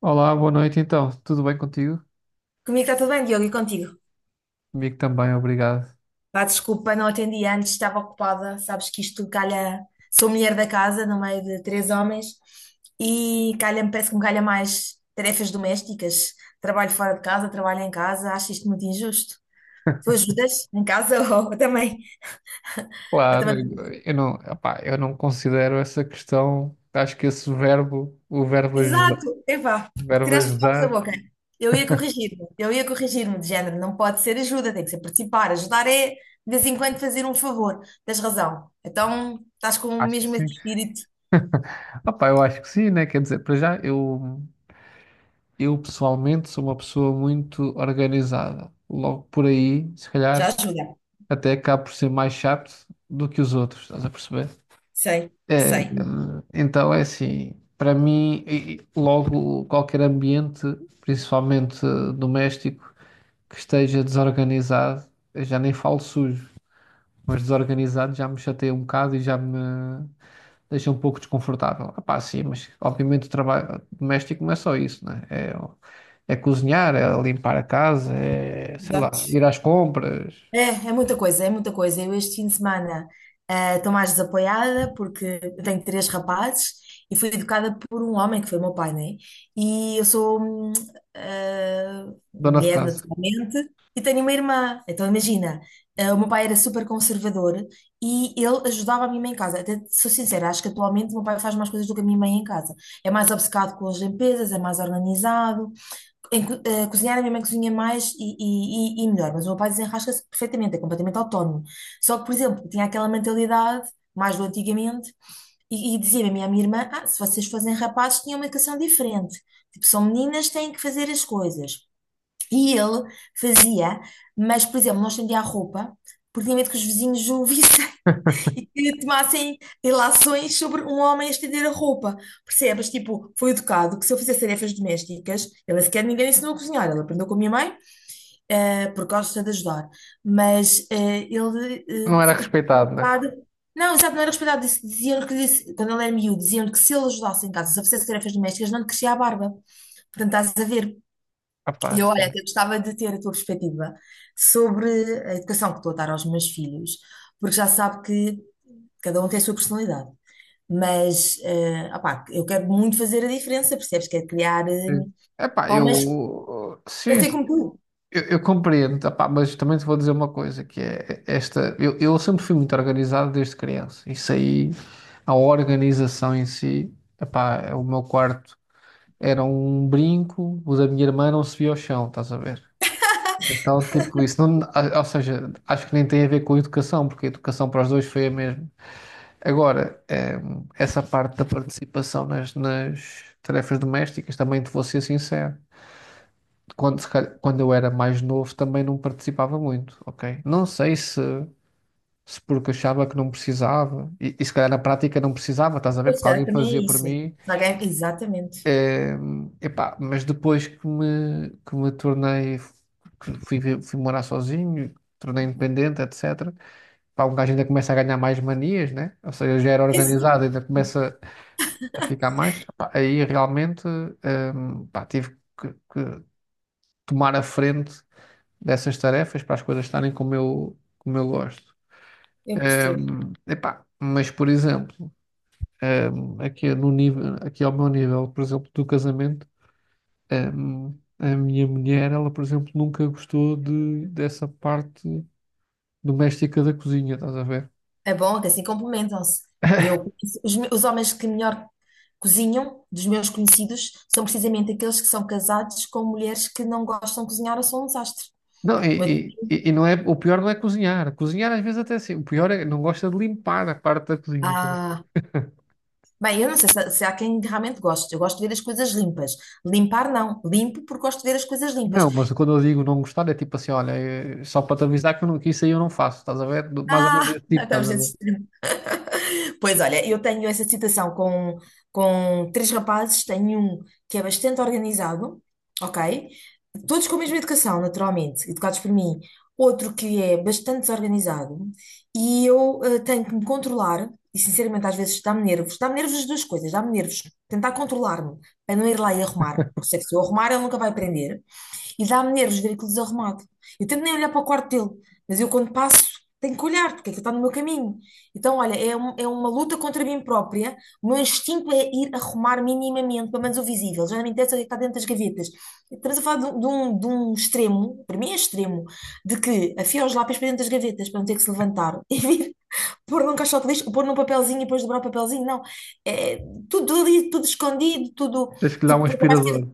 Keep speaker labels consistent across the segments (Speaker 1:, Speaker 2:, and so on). Speaker 1: Olá, boa noite então. Tudo bem contigo?
Speaker 2: Comigo está tudo bem, Diogo, e contigo?
Speaker 1: Comigo também, obrigado.
Speaker 2: Pá, desculpa, não atendi antes, estava ocupada. Sabes que isto calha. Sou mulher da casa, no meio de três homens, e calha-me, parece que me calha mais tarefas domésticas. Trabalho fora de casa, trabalho em casa, acho isto muito injusto. Tu ajudas em casa ou também? Ou
Speaker 1: Claro.
Speaker 2: também.
Speaker 1: Eu não considero essa questão, acho que esse verbo, o verbo ajudar,
Speaker 2: Exato, epá,
Speaker 1: o verbo
Speaker 2: tiraste os palavras da
Speaker 1: ajudar,
Speaker 2: boca. Eu ia corrigir-me de género, não pode ser ajuda, tem que ser participar. Ajudar é, de vez em quando, fazer um favor. Tens razão. Então, estás com o
Speaker 1: Acho que
Speaker 2: mesmo
Speaker 1: sim.
Speaker 2: espírito,
Speaker 1: Opá, eu acho que sim, né? Quer dizer, para já, eu pessoalmente sou uma pessoa muito organizada. Logo por aí, se
Speaker 2: já
Speaker 1: calhar,
Speaker 2: ajuda.
Speaker 1: até acabo por ser mais chato do que os outros, estás a perceber?
Speaker 2: Sei,
Speaker 1: É,
Speaker 2: sei.
Speaker 1: então é assim, para mim, e logo qualquer ambiente, principalmente doméstico, que esteja desorganizado, eu já nem falo sujo, mas desorganizado já me chateia um bocado e já me deixa um pouco desconfortável. Ah, pá, sim, mas obviamente o trabalho doméstico não é só isso, né? É cozinhar, é limpar a casa, é, sei lá,
Speaker 2: Exato.
Speaker 1: ir às compras,
Speaker 2: É muita coisa, é muita coisa. Eu este fim de semana estou mais desapoiada porque eu tenho três rapazes e fui educada por um homem que foi o meu pai, né? E eu sou eh,
Speaker 1: dona de
Speaker 2: mulher
Speaker 1: casa.
Speaker 2: naturalmente e tenho uma irmã. Então imagina, o meu pai era super conservador e ele ajudava a minha mãe em casa. Até sou sincera, acho que atualmente o meu pai faz mais coisas do que a minha mãe em casa. É mais obcecado com as limpezas, é mais organizado em cozinhar. A minha mãe cozinha mais e melhor, mas o meu pai desenrasca-se perfeitamente, é completamente autónomo. Só que, por exemplo, tinha aquela mentalidade, mais do antigamente, e dizia-me a minha irmã: ah, se vocês fossem rapazes, tinham uma educação diferente. Tipo, são meninas, têm que fazer as coisas. E ele fazia, mas, por exemplo, não estendia a roupa, porque tinha medo que os vizinhos o vissem e que tomassem relações sobre um homem a estender a roupa. Percebes? Tipo, foi educado que se eu fizesse tarefas domésticas. Ele sequer ninguém lhe ensinou a cozinhar, ele aprendeu com a minha mãe, porque gosta de ajudar. Mas ele,
Speaker 1: Não era respeitado, né?
Speaker 2: educado- não, exato, não era respeitado. Diziam-lhe que, quando ele era miúdo, diziam-lhe que se ele ajudasse em casa, se eu fizesse tarefas domésticas, não lhe crescia a barba. Portanto, estás a ver,
Speaker 1: Ah, pá,
Speaker 2: e eu, olha,
Speaker 1: sim.
Speaker 2: até gostava de ter a tua perspectiva sobre a educação que estou a dar aos meus filhos, porque já sabe que cada um tem a sua personalidade. Mas, opá, eu quero muito fazer a diferença, percebes? Quero criar
Speaker 1: Sim. Epá,
Speaker 2: homens que
Speaker 1: eu sim,
Speaker 2: pensem como tu.
Speaker 1: eu compreendo, epá, mas também te vou dizer uma coisa, que é esta, eu sempre fui muito organizado desde criança. Isso aí, a organização em si, epá, o meu quarto era um brinco, o da minha irmã não se via ao chão, estás a ver? Então, tipo, isso não, a- ou seja, acho que nem tem a ver com educação, porque a educação para os dois foi a mesma. Agora, essa parte da participação nas tarefas domésticas, também te vou ser sincero quando, se calhar- quando eu era mais novo também não participava muito, ok? Não sei se, se porque achava que não precisava, e se calhar na prática não precisava, estás a ver?
Speaker 2: Pois
Speaker 1: Porque
Speaker 2: é,
Speaker 1: alguém
Speaker 2: também
Speaker 1: fazia
Speaker 2: é
Speaker 1: por
Speaker 2: isso.
Speaker 1: mim,
Speaker 2: Se alguém- Exatamente.
Speaker 1: eh, epá, mas depois que me tornei, que fui, fui morar sozinho, tornei independente, etc. Pá, um gajo ainda começa a ganhar mais manias, né? Ou seja, já era
Speaker 2: É assim,
Speaker 1: organizado, ainda começa a ficar mais. Epá, aí realmente, eh, pá, tive que tomar a frente dessas tarefas para as coisas estarem como eu gosto.
Speaker 2: eu percebo.
Speaker 1: Epá, mas, por exemplo, aqui, no nível, aqui ao meu nível, por exemplo, do casamento, a minha mulher, ela, por exemplo, nunca gostou dessa parte doméstica da cozinha, estás a ver?
Speaker 2: É bom que assim complementam-se. Eu, conheço- os, me- Os homens que melhor cozinham, dos meus conhecidos, são precisamente aqueles que são casados com mulheres que não gostam de cozinhar ou são um desastre.
Speaker 1: Não, e,
Speaker 2: Mas-
Speaker 1: e, e e não é, o pior não é cozinhar. Cozinhar às vezes até assim, o pior é não gosta de limpar a parte da cozinha.
Speaker 2: ah, bem, eu não sei se há quem realmente goste. Eu gosto de ver as coisas limpas. Limpar, não. Limpo porque gosto de ver as coisas limpas.
Speaker 1: Não, mas quando eu digo não gostar, é tipo assim, olha, é só para te avisar que, eu não, que isso aí eu não faço, estás a ver? Do- Mais ou menos
Speaker 2: Ah,
Speaker 1: esse tipo, estás
Speaker 2: estamos
Speaker 1: a
Speaker 2: a
Speaker 1: ver?
Speaker 2: dizer. Pois olha, eu tenho essa citação com três rapazes. Tenho um que é bastante organizado, ok? Todos com a mesma educação, naturalmente, educados por mim. Outro que é bastante desorganizado e eu tenho que me controlar, e sinceramente às vezes dá-me nervos as duas coisas, dá-me nervos tentar controlar-me para não ir lá e arrumar, porque sei que se eu arrumar ele nunca vai aprender. E dá-me nervos ver aquilo desarrumado. Eu tento nem olhar para o quarto dele, mas eu quando passo tenho que olhar, porque aquilo está no meu caminho. Então, olha, é uma luta contra mim própria. O meu instinto é ir arrumar minimamente, pelo menos o visível. Já não me interessa o que é que está dentro das gavetas. Estamos a falar de um extremo, para mim é extremo, de que afio os lápis para dentro das gavetas para não ter que se levantar e vir pôr num caixote de lixo, ou pôr num papelzinho e depois dobrar o papelzinho. Não, é tudo ali, tudo escondido, tudo
Speaker 1: Tens que lhe dar um
Speaker 2: tipo, capaz de
Speaker 1: aspirador.
Speaker 2: ter...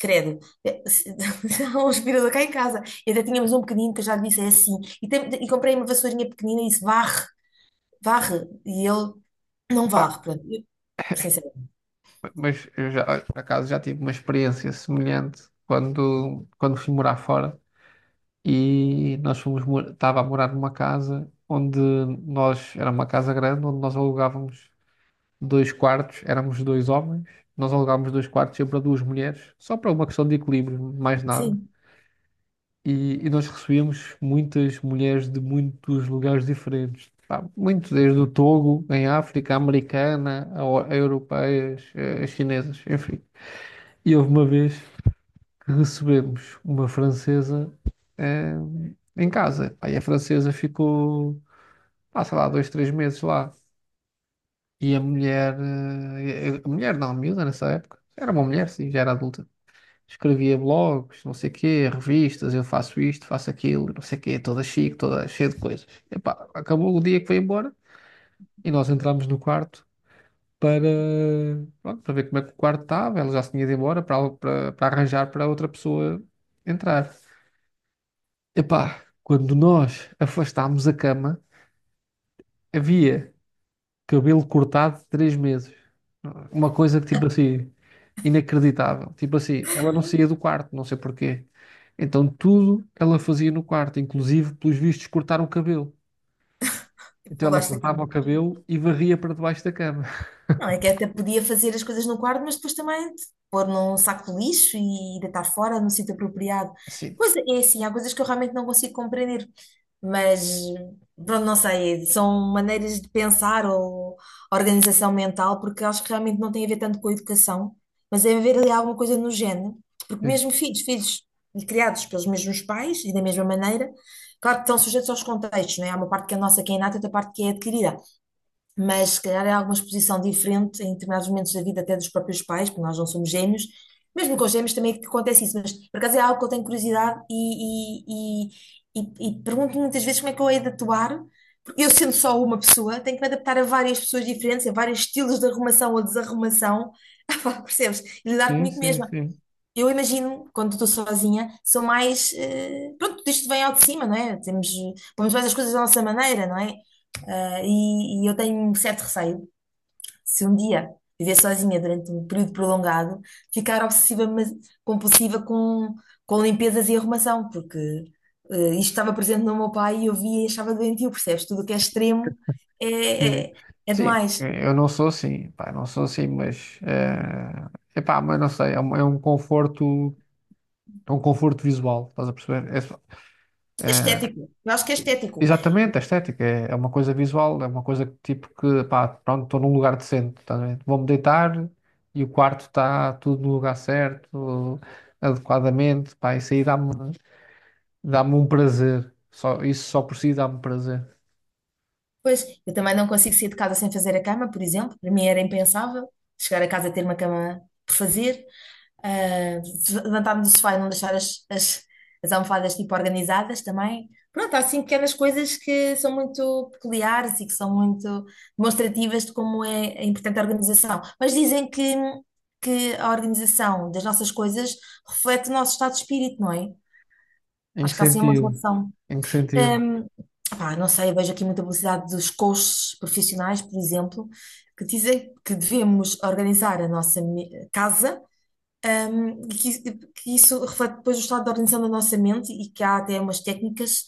Speaker 2: Credo! Há um aspirador cá em casa. E até tínhamos um pequenino que eu já lhe disse, é assim. E comprei uma vassourinha pequenina e disse, varre, varre. E ele não
Speaker 1: Pá,
Speaker 2: varre, pronto. Eu, sinceramente,
Speaker 1: mas eu já, por acaso, já tive uma experiência semelhante quando fui morar fora e nós estava a morar numa casa onde nós, era uma casa grande, onde nós alugávamos dois quartos, éramos dois homens, nós alugávamos dois quartos sempre para duas mulheres, só para uma questão de equilíbrio, mais nada.
Speaker 2: sim,
Speaker 1: E, e nós recebíamos muitas mulheres de muitos lugares diferentes. Pá, muito desde o Togo, em África, a americana, a europeias, a chinesas, enfim. E houve uma vez que recebemos uma francesa eh, em casa. Aí a francesa ficou, pá, sei lá, dois, três meses lá. E a mulher, a mulher não, a miúda nessa época, era uma mulher, sim, já era adulta. Escrevia blogs, não sei o quê, revistas, eu faço isto, faço aquilo, não sei o quê, toda chique, toda cheia de coisas. Epá, acabou o dia que foi embora e nós entramos no quarto para, pronto, para ver como é que o quarto estava. Ela já se tinha ido embora para, para arranjar para outra pessoa entrar. Epá, quando nós afastámos a cama, havia cabelo cortado de 3 meses. Uma coisa que, tipo assim, inacreditável. Tipo assim, ela não saía do quarto, não sei porquê. Então tudo ela fazia no quarto, inclusive, pelos vistos, cortar o cabelo. Então
Speaker 2: eu
Speaker 1: ela
Speaker 2: gosto
Speaker 1: cortava o
Speaker 2: daquilo.
Speaker 1: cabelo e varria para debaixo da cama.
Speaker 2: Não, é que até podia fazer as coisas no quarto, mas depois também te pôr num saco de lixo e deitar fora no sítio apropriado.
Speaker 1: Sim,
Speaker 2: Pois é, é assim, há coisas que eu realmente não consigo compreender, mas pronto, não sei, são maneiras de pensar ou organização mental, porque acho que realmente não tem a ver tanto com a educação, mas é haver ali alguma coisa no género, porque mesmo filhos, filhos criados pelos mesmos pais e da mesma maneira, claro que estão sujeitos aos contextos, não é? Há uma parte que é nossa, que é inata, outra parte que é adquirida, mas se calhar é alguma exposição diferente em determinados momentos da vida, até dos próprios pais, porque nós não somos gêmeos. Mesmo com os gêmeos também é que acontece isso, mas por acaso é algo que eu tenho curiosidade e, e, e pergunto muitas vezes como é que eu hei de atuar, porque eu sendo só uma pessoa, tenho que me adaptar a várias pessoas diferentes, a vários estilos de arrumação ou desarrumação. Ah, pá, percebes? E lidar
Speaker 1: sim,
Speaker 2: comigo
Speaker 1: sim,
Speaker 2: mesma.
Speaker 1: sim,
Speaker 2: Eu imagino, quando estou sozinha, sou mais... Pronto, isto vem ao de cima, não é? Pomos mais as coisas da nossa maneira, não é? Ah, e eu tenho um certo receio, se um dia viver sozinha durante um período prolongado, ficar obsessiva, mas compulsiva com limpezas e arrumação, porque isto estava presente no meu pai e eu via e achava doentio, percebes? Tudo o que é extremo é,
Speaker 1: sim.
Speaker 2: é, é
Speaker 1: Sim,
Speaker 2: demais.
Speaker 1: eu não sou assim, pá, não sou assim, mas, é, epá, mas não sei, é um conforto visual, estás a perceber?
Speaker 2: É estético, eu acho que é estético.
Speaker 1: Exatamente, a estética é, é uma coisa visual, é uma coisa que, tipo que, pá, pronto, estou num lugar decente, tá bem? Vou-me deitar e o quarto está tudo no lugar certo, adequadamente, pá, isso aí dá-me um prazer, só, isso só por si dá-me prazer.
Speaker 2: Pois, eu também não consigo sair de casa sem fazer a cama, por exemplo. Para mim era impensável chegar a casa e ter uma cama por fazer. Ah, levantar-me do sofá e não deixar as almofadas tipo organizadas também. Pronto, há assim pequenas coisas que são muito peculiares e que são muito demonstrativas de como é importante a organização. Mas dizem que a organização das nossas coisas reflete o nosso estado de espírito, não é?
Speaker 1: Em que
Speaker 2: Acho que há assim uma
Speaker 1: sentido?
Speaker 2: relação.
Speaker 1: Em que sentido?
Speaker 2: Hum, Pá, não sei, eu vejo aqui muita publicidade dos coaches profissionais, por exemplo, que dizem que devemos organizar a nossa casa. E que isso, que isso reflete depois o estado de organização da nossa mente e que há até umas técnicas,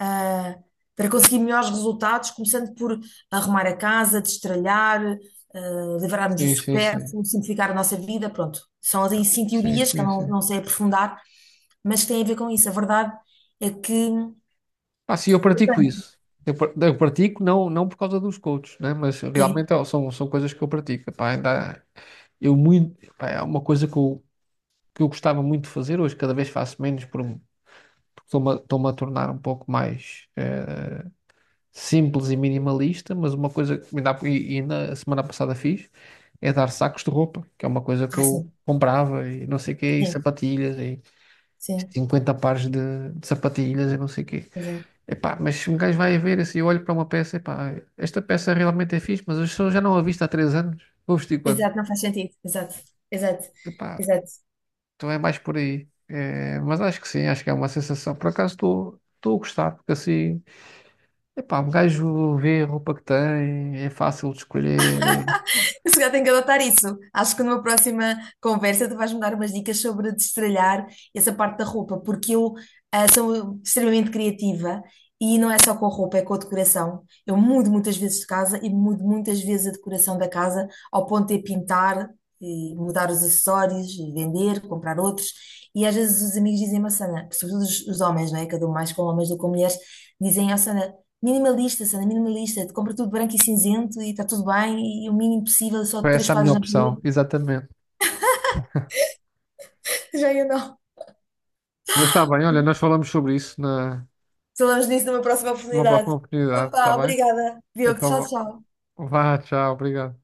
Speaker 2: ah, para conseguir melhores resultados, começando por arrumar a casa, destralhar, livrarmos do
Speaker 1: Sim, sim, sim,
Speaker 2: supérfluo, simplificar a nossa vida, pronto. São ali sim
Speaker 1: sim,
Speaker 2: teorias que eu
Speaker 1: sim,
Speaker 2: não,
Speaker 1: sim.
Speaker 2: não sei aprofundar, mas que têm a ver com isso. A verdade é que...
Speaker 1: Ah sim, eu pratico isso. Eu pratico não, não por causa dos coaches, né? Mas
Speaker 2: Sim.
Speaker 1: realmente ó, são coisas que eu pratico, pá, ainda, eu muito, pá, é uma coisa que eu gostava muito de fazer, hoje cada vez faço menos porque estou-me a tornar um pouco mais simples e minimalista, mas uma coisa que ainda, e na semana passada fiz é dar sacos de roupa, que é uma coisa que
Speaker 2: Ah,
Speaker 1: eu
Speaker 2: sim.
Speaker 1: comprava e não sei o quê, e
Speaker 2: Sim.
Speaker 1: sapatilhas, e
Speaker 2: Sim.
Speaker 1: 50 pares de sapatilhas e não sei o quê.
Speaker 2: Pois é.
Speaker 1: Epá, mas se um gajo vai a ver assim, eu olho para uma peça, epá, esta peça realmente é fixe, mas eu só já não a visto há 3 anos, vou vestir quando?
Speaker 2: Exato, não faz sentido. Exato. Exato.
Speaker 1: Epá,
Speaker 2: Exato.
Speaker 1: então é mais por aí. É, mas acho que sim, acho que é uma sensação. Por acaso estou a gostar, porque assim, epá, um gajo vê a roupa que tem, é fácil de escolher.
Speaker 2: Eu se calhar tenho que adotar isso. Acho que numa próxima conversa tu vais-me dar umas dicas sobre destralhar essa parte da roupa, porque eu sou extremamente criativa, e não é só com a roupa, é com a decoração. Eu mudo muitas vezes de casa e mudo muitas vezes a decoração da casa ao ponto de pintar e mudar os acessórios e vender, comprar outros. E às vezes os amigos dizem-me: "Oh, Sana, sobretudo os homens, não é?" Que eu dou mais com homens do que com mulheres. Dizem: "Oh, Sana, minimalista, Sandra, minimalista. Te compra tudo branco e cinzento e está tudo bem e o mínimo possível, só
Speaker 1: Foi
Speaker 2: três
Speaker 1: essa a minha
Speaker 2: quadros na
Speaker 1: opção,
Speaker 2: parede."
Speaker 1: exatamente.
Speaker 2: Já eu não.
Speaker 1: Mas está bem, olha, nós falamos sobre isso na,
Speaker 2: Falamos disso numa próxima
Speaker 1: numa
Speaker 2: oportunidade.
Speaker 1: próxima oportunidade, está
Speaker 2: Opa,
Speaker 1: bem?
Speaker 2: obrigada. Diogo, tchau,
Speaker 1: Então
Speaker 2: tchau.
Speaker 1: vá, vá, tchau, obrigado.